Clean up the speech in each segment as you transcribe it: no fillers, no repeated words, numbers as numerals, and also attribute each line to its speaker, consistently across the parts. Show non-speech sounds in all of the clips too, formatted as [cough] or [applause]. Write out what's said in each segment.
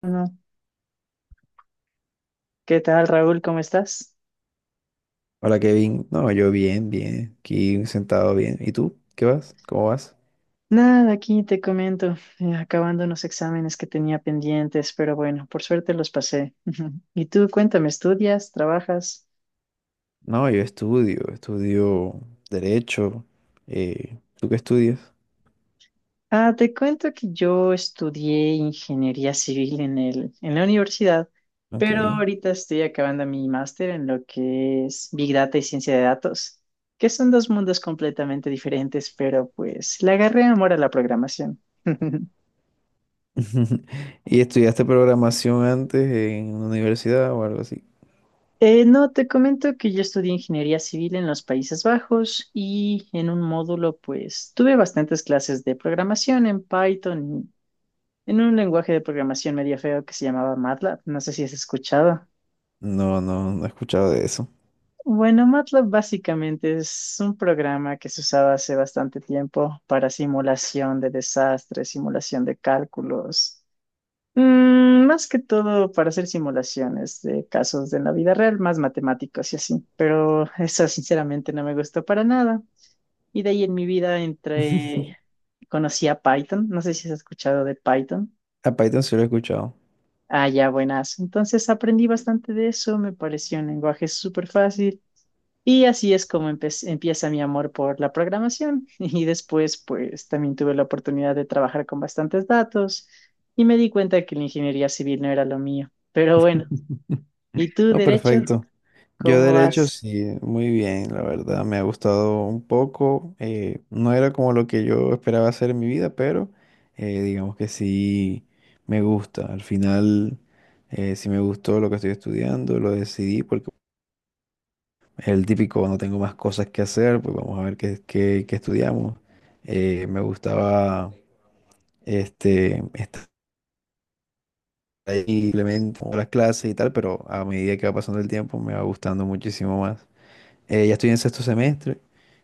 Speaker 1: Bueno, ¿qué tal, Raúl? ¿Cómo estás?
Speaker 2: Hola Kevin, no, yo bien, bien, aquí sentado bien. ¿Y tú? ¿Qué vas? ¿Cómo vas?
Speaker 1: Nada, aquí te comento, acabando unos exámenes que tenía pendientes, pero bueno, por suerte los pasé. [laughs] Y tú, cuéntame, ¿estudias? ¿Trabajas?
Speaker 2: No, yo estudio derecho. ¿Tú qué estudias?
Speaker 1: Ah, te cuento que yo estudié ingeniería civil en la universidad,
Speaker 2: Ok.
Speaker 1: pero ahorita estoy acabando mi máster en lo que es Big Data y ciencia de datos, que son dos mundos completamente diferentes, pero pues le agarré amor a la programación. [laughs]
Speaker 2: [laughs] ¿Y estudiaste programación antes en una universidad o algo así?
Speaker 1: No, te comento que yo estudié ingeniería civil en los Países Bajos y en un módulo, pues, tuve bastantes clases de programación en Python, en un lenguaje de programación medio feo que se llamaba MATLAB. No sé si has escuchado.
Speaker 2: No, no, no he escuchado de eso.
Speaker 1: Bueno, MATLAB básicamente es un programa que se usaba hace bastante tiempo para simulación de desastres, simulación de cálculos. Mm, más que todo para hacer simulaciones de casos de la vida real, más matemáticos y así, pero eso sinceramente no me gustó para nada. Y de ahí en mi vida entré,
Speaker 2: [laughs]
Speaker 1: conocí a Python, no sé si has escuchado de Python.
Speaker 2: A Python sí lo he escuchado.
Speaker 1: Ah, ya, buenas. Entonces aprendí bastante de eso, me pareció un lenguaje súper fácil y así es como empieza mi amor por la programación. [laughs] Y después, pues también tuve la oportunidad de trabajar con bastantes datos y me di cuenta que la ingeniería civil no era lo mío. Pero bueno, ¿y tú,
Speaker 2: No,
Speaker 1: derecho?
Speaker 2: perfecto. Yo
Speaker 1: ¿Cómo
Speaker 2: derecho
Speaker 1: vas?
Speaker 2: sí, muy bien, la verdad. Me ha gustado un poco. No era como lo que yo esperaba hacer en mi vida, pero digamos que sí me gusta. Al final, sí me gustó lo que estoy estudiando. Lo decidí porque el típico no tengo más cosas que hacer, pues vamos a ver qué estudiamos. Me gustaba estar ahí simplemente con las clases y tal, pero a medida que va pasando el tiempo me va gustando muchísimo más. Ya estoy en sexto semestre,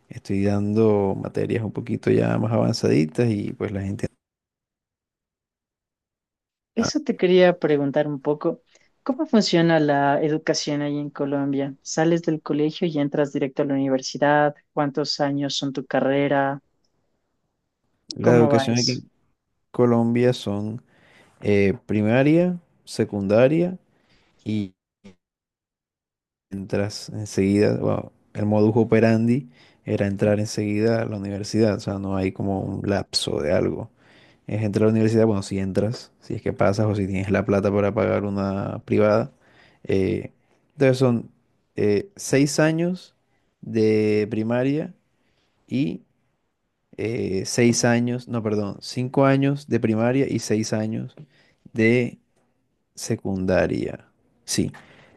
Speaker 2: estoy dando materias un poquito ya más avanzaditas y pues la gente...
Speaker 1: Eso te quería preguntar un poco. ¿Cómo funciona la educación ahí en Colombia? ¿Sales del colegio y entras directo a la universidad? ¿Cuántos años son tu carrera?
Speaker 2: La
Speaker 1: ¿Cómo va
Speaker 2: educación aquí
Speaker 1: eso?
Speaker 2: en Colombia son primaria, secundaria, y entras enseguida. Bueno, el modus operandi era entrar enseguida a la universidad, o sea, no hay como un lapso de algo. Es entrar a la universidad, bueno, si entras, si es que pasas o si tienes la plata para pagar una privada. eh, entonces son 6 años de primaria y 6 años, no, perdón, 5 años de primaria y 6 años de secundaria. Sí.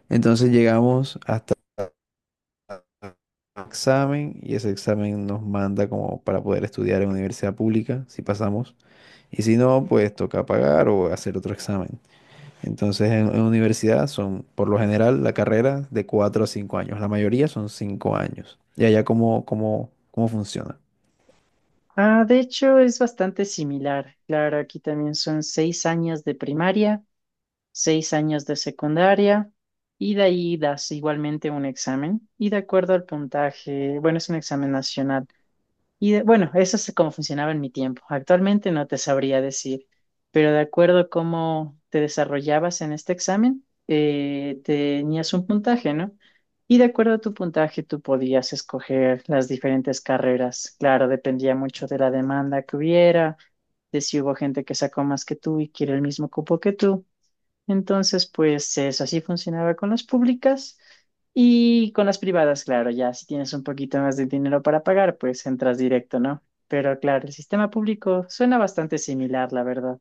Speaker 2: Entonces llegamos hasta examen, y ese examen nos manda como para poder estudiar en universidad pública, si pasamos. Y si no, pues toca pagar o hacer otro examen. Entonces, en universidad son, por lo general, la carrera de 4 a 5 años. La mayoría son 5 años. ¿Y allá cómo funciona?
Speaker 1: Ah, de hecho, es bastante similar. Claro, aquí también son 6 años de primaria, 6 años de secundaria, y de ahí das igualmente un examen. Y de acuerdo al puntaje, bueno, es un examen nacional. Bueno, eso es como funcionaba en mi tiempo. Actualmente no te sabría decir, pero de acuerdo a cómo te desarrollabas en este examen, tenías un puntaje, ¿no? Y de acuerdo a tu puntaje, tú podías escoger las diferentes carreras. Claro, dependía mucho de la demanda que hubiera, de si hubo gente que sacó más que tú y quiere el mismo cupo que tú. Entonces, pues eso así funcionaba con las públicas y con las privadas, claro, ya si tienes un poquito más de dinero para pagar, pues entras directo, ¿no? Pero claro, el sistema público suena bastante similar, la verdad.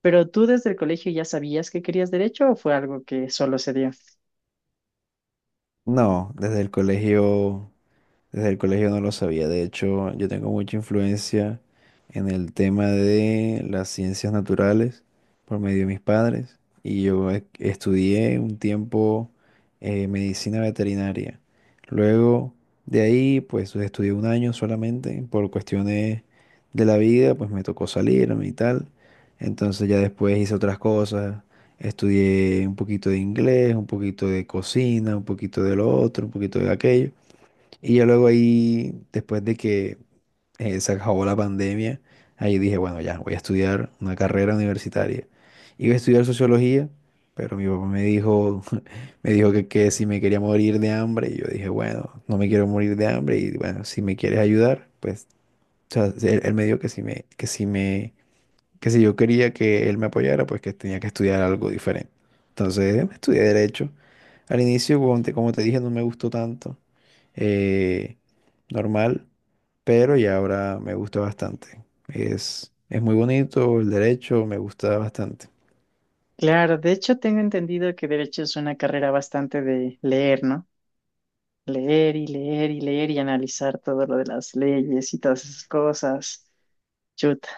Speaker 1: ¿Pero tú desde el colegio ya sabías que querías derecho o fue algo que solo se dio?
Speaker 2: No, Desde el colegio no lo sabía. De hecho, yo tengo mucha influencia en el tema de las ciencias naturales por medio de mis padres. Y yo estudié un tiempo medicina veterinaria. Luego de ahí, pues estudié un año solamente por cuestiones de la vida, pues me tocó salirme y tal. Entonces ya después hice otras cosas. Estudié un poquito de inglés, un poquito de cocina, un poquito de lo otro, un poquito de aquello. Y yo luego ahí, después de que se acabó la pandemia, ahí dije, bueno, ya, voy a estudiar una carrera universitaria. Iba a estudiar sociología, pero mi papá me dijo, [laughs] me dijo que si me quería morir de hambre, y yo dije, bueno, no me quiero morir de hambre, y bueno, si me quieres ayudar, pues, o sea, él me dijo que si yo quería que él me apoyara, pues que tenía que estudiar algo diferente. Entonces, estudié derecho. Al inicio, como te dije, no me gustó tanto, eh, normal, pero ya ahora me gusta bastante. Es muy bonito el derecho, me gusta bastante.
Speaker 1: Claro, de hecho tengo entendido que derecho es una carrera bastante de leer, ¿no? Leer y leer y leer y analizar todo lo de las leyes y todas esas cosas. Chuta.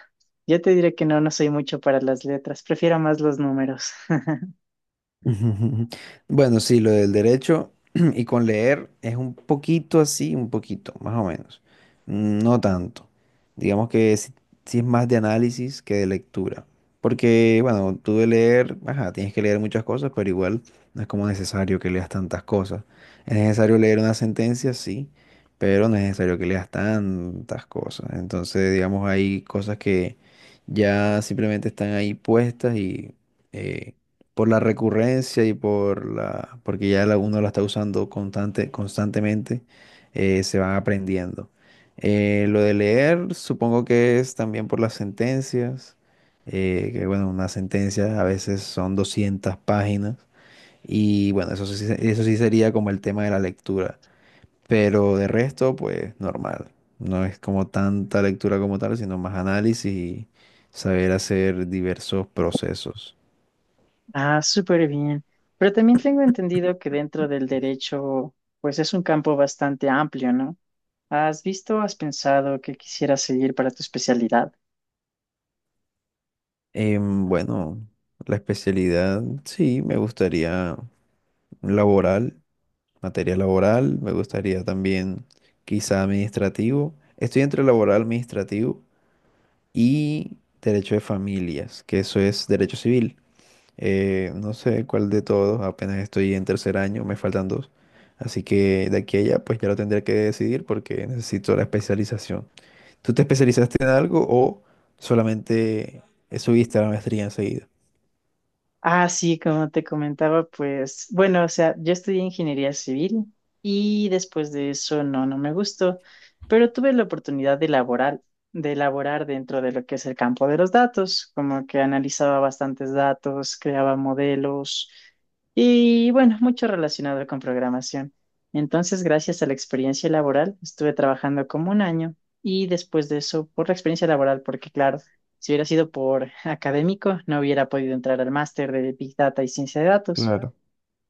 Speaker 1: Yo te diré que no, no soy mucho para las letras, prefiero más los números. [laughs]
Speaker 2: [laughs] Ujú, ujú. Ujú. Bueno, sí, lo del derecho [clears throat] y con leer es un poquito así, un poquito, más o menos. Mm, no tanto. Digamos que sí, sí es más de análisis que de lectura. Porque, bueno, tú de leer, ajá, tienes que leer muchas cosas, pero igual no es como necesario que leas tantas cosas. Es necesario leer una sentencia, sí, pero no es necesario que leas tantas cosas. Entonces, digamos, hay cosas que ya simplemente están ahí puestas y... eh, por la recurrencia y por la, porque ya la, uno la está usando constantemente, se van aprendiendo. Lo de leer, supongo que es también por las sentencias, que bueno, una sentencia a veces son 200 páginas, y bueno, eso sí, eso sí sería como el tema de la lectura, pero de resto, pues normal. No es como tanta lectura como tal, sino más análisis y saber hacer diversos procesos.
Speaker 1: Ah, súper bien. Pero también tengo entendido que dentro del derecho, pues es un campo bastante amplio, ¿no? ¿Has visto, o has pensado que quisieras seguir para tu especialidad?
Speaker 2: Bueno, la especialidad, sí, me gustaría laboral, materia laboral, me gustaría también quizá administrativo. Estoy entre laboral, administrativo y derecho de familias, que eso es derecho civil. No sé cuál de todos, apenas estoy en tercer año, me faltan dos. Así que de aquí a allá, pues ya lo tendré que decidir porque necesito la especialización. ¿Tú te especializaste en algo o solamente subiste a la maestría enseguida?
Speaker 1: Ah, sí, como te comentaba, pues bueno, o sea, yo estudié ingeniería civil y después de eso no, no me gustó, pero tuve la oportunidad de laborar, de elaborar dentro de lo que es el campo de los datos, como que analizaba bastantes datos, creaba modelos y bueno, mucho relacionado con programación. Entonces, gracias a la experiencia laboral, estuve trabajando como un año y después de eso, por la experiencia laboral, porque claro, si hubiera sido por académico, no hubiera podido entrar al máster de Big Data y Ciencia de Datos,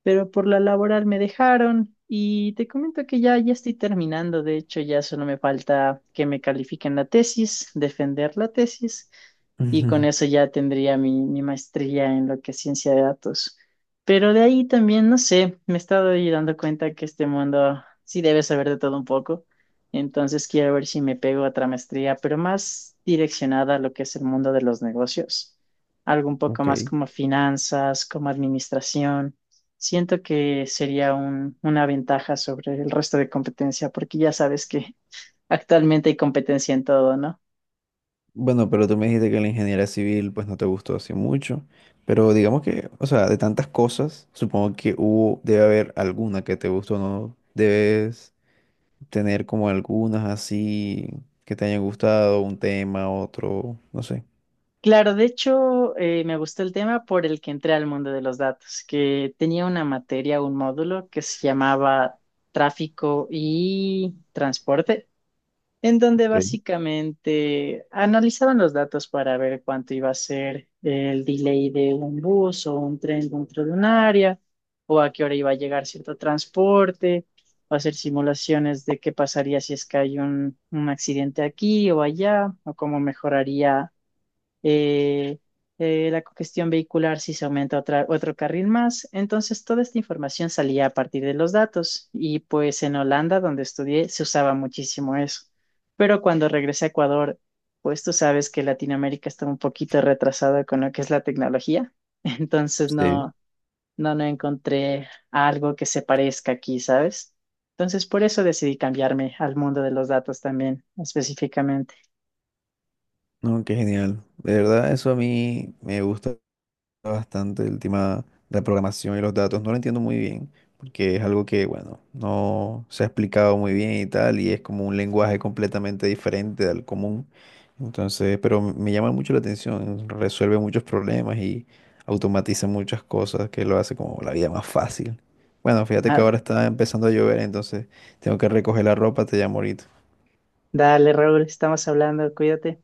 Speaker 1: pero por la laboral me dejaron y te comento que ya estoy terminando, de hecho ya solo me falta que me califiquen la tesis, defender la tesis y con
Speaker 2: Ujú.
Speaker 1: eso ya tendría mi maestría en lo que es ciencia de datos. Pero de ahí también, no sé, me he estado ahí dando cuenta que este mundo sí debe saber de todo un poco, entonces quiero ver si me pego a otra maestría, pero más direccionada a lo que es el mundo de los negocios, algo un poco
Speaker 2: Ok.
Speaker 1: más como finanzas, como administración. Siento que sería una ventaja sobre el resto de competencia, porque ya sabes que [laughs] actualmente hay competencia en todo, ¿no?
Speaker 2: Bueno, pero tú me dijiste que la ingeniería civil pues no te gustó así mucho, pero digamos que, o sea, de tantas cosas, supongo que hubo, debe haber alguna que te gustó, ¿no? Debes tener como algunas así que te hayan gustado, un tema, otro, no sé.
Speaker 1: Claro, de hecho, me gustó el tema por el que entré al mundo de los datos, que tenía una materia, un módulo que se llamaba tráfico y transporte, en donde
Speaker 2: Ok.
Speaker 1: básicamente analizaban los datos para ver cuánto iba a ser el delay de un bus o un tren dentro de un área, o a qué hora iba a llegar cierto transporte, o hacer simulaciones de qué pasaría si es que hay un accidente aquí o allá, o cómo mejoraría eh, la cogestión vehicular si se aumenta otro carril más. Entonces, toda esta información salía a partir de los datos y pues en Holanda, donde estudié, se usaba muchísimo eso. Pero cuando regresé a Ecuador, pues tú sabes que Latinoamérica está un poquito retrasada con lo que es la tecnología. [laughs] Entonces,
Speaker 2: Sí.
Speaker 1: no, no, no encontré algo que se parezca aquí, ¿sabes? Entonces, por eso decidí cambiarme al mundo de los datos también, específicamente.
Speaker 2: No, qué genial. De verdad, eso a mí me gusta bastante, el tema de la programación y los datos. No lo entiendo muy bien, porque es algo que, bueno, no se ha explicado muy bien y tal, y es como un lenguaje completamente diferente al común. Entonces, pero me llama mucho la atención, resuelve muchos problemas y automatiza muchas cosas que lo hace como la vida más fácil. Bueno, fíjate que
Speaker 1: Ah,
Speaker 2: ahora está empezando a llover, entonces tengo que recoger la ropa, te llamo ahorita.
Speaker 1: dale, Raúl, estamos hablando, cuídate.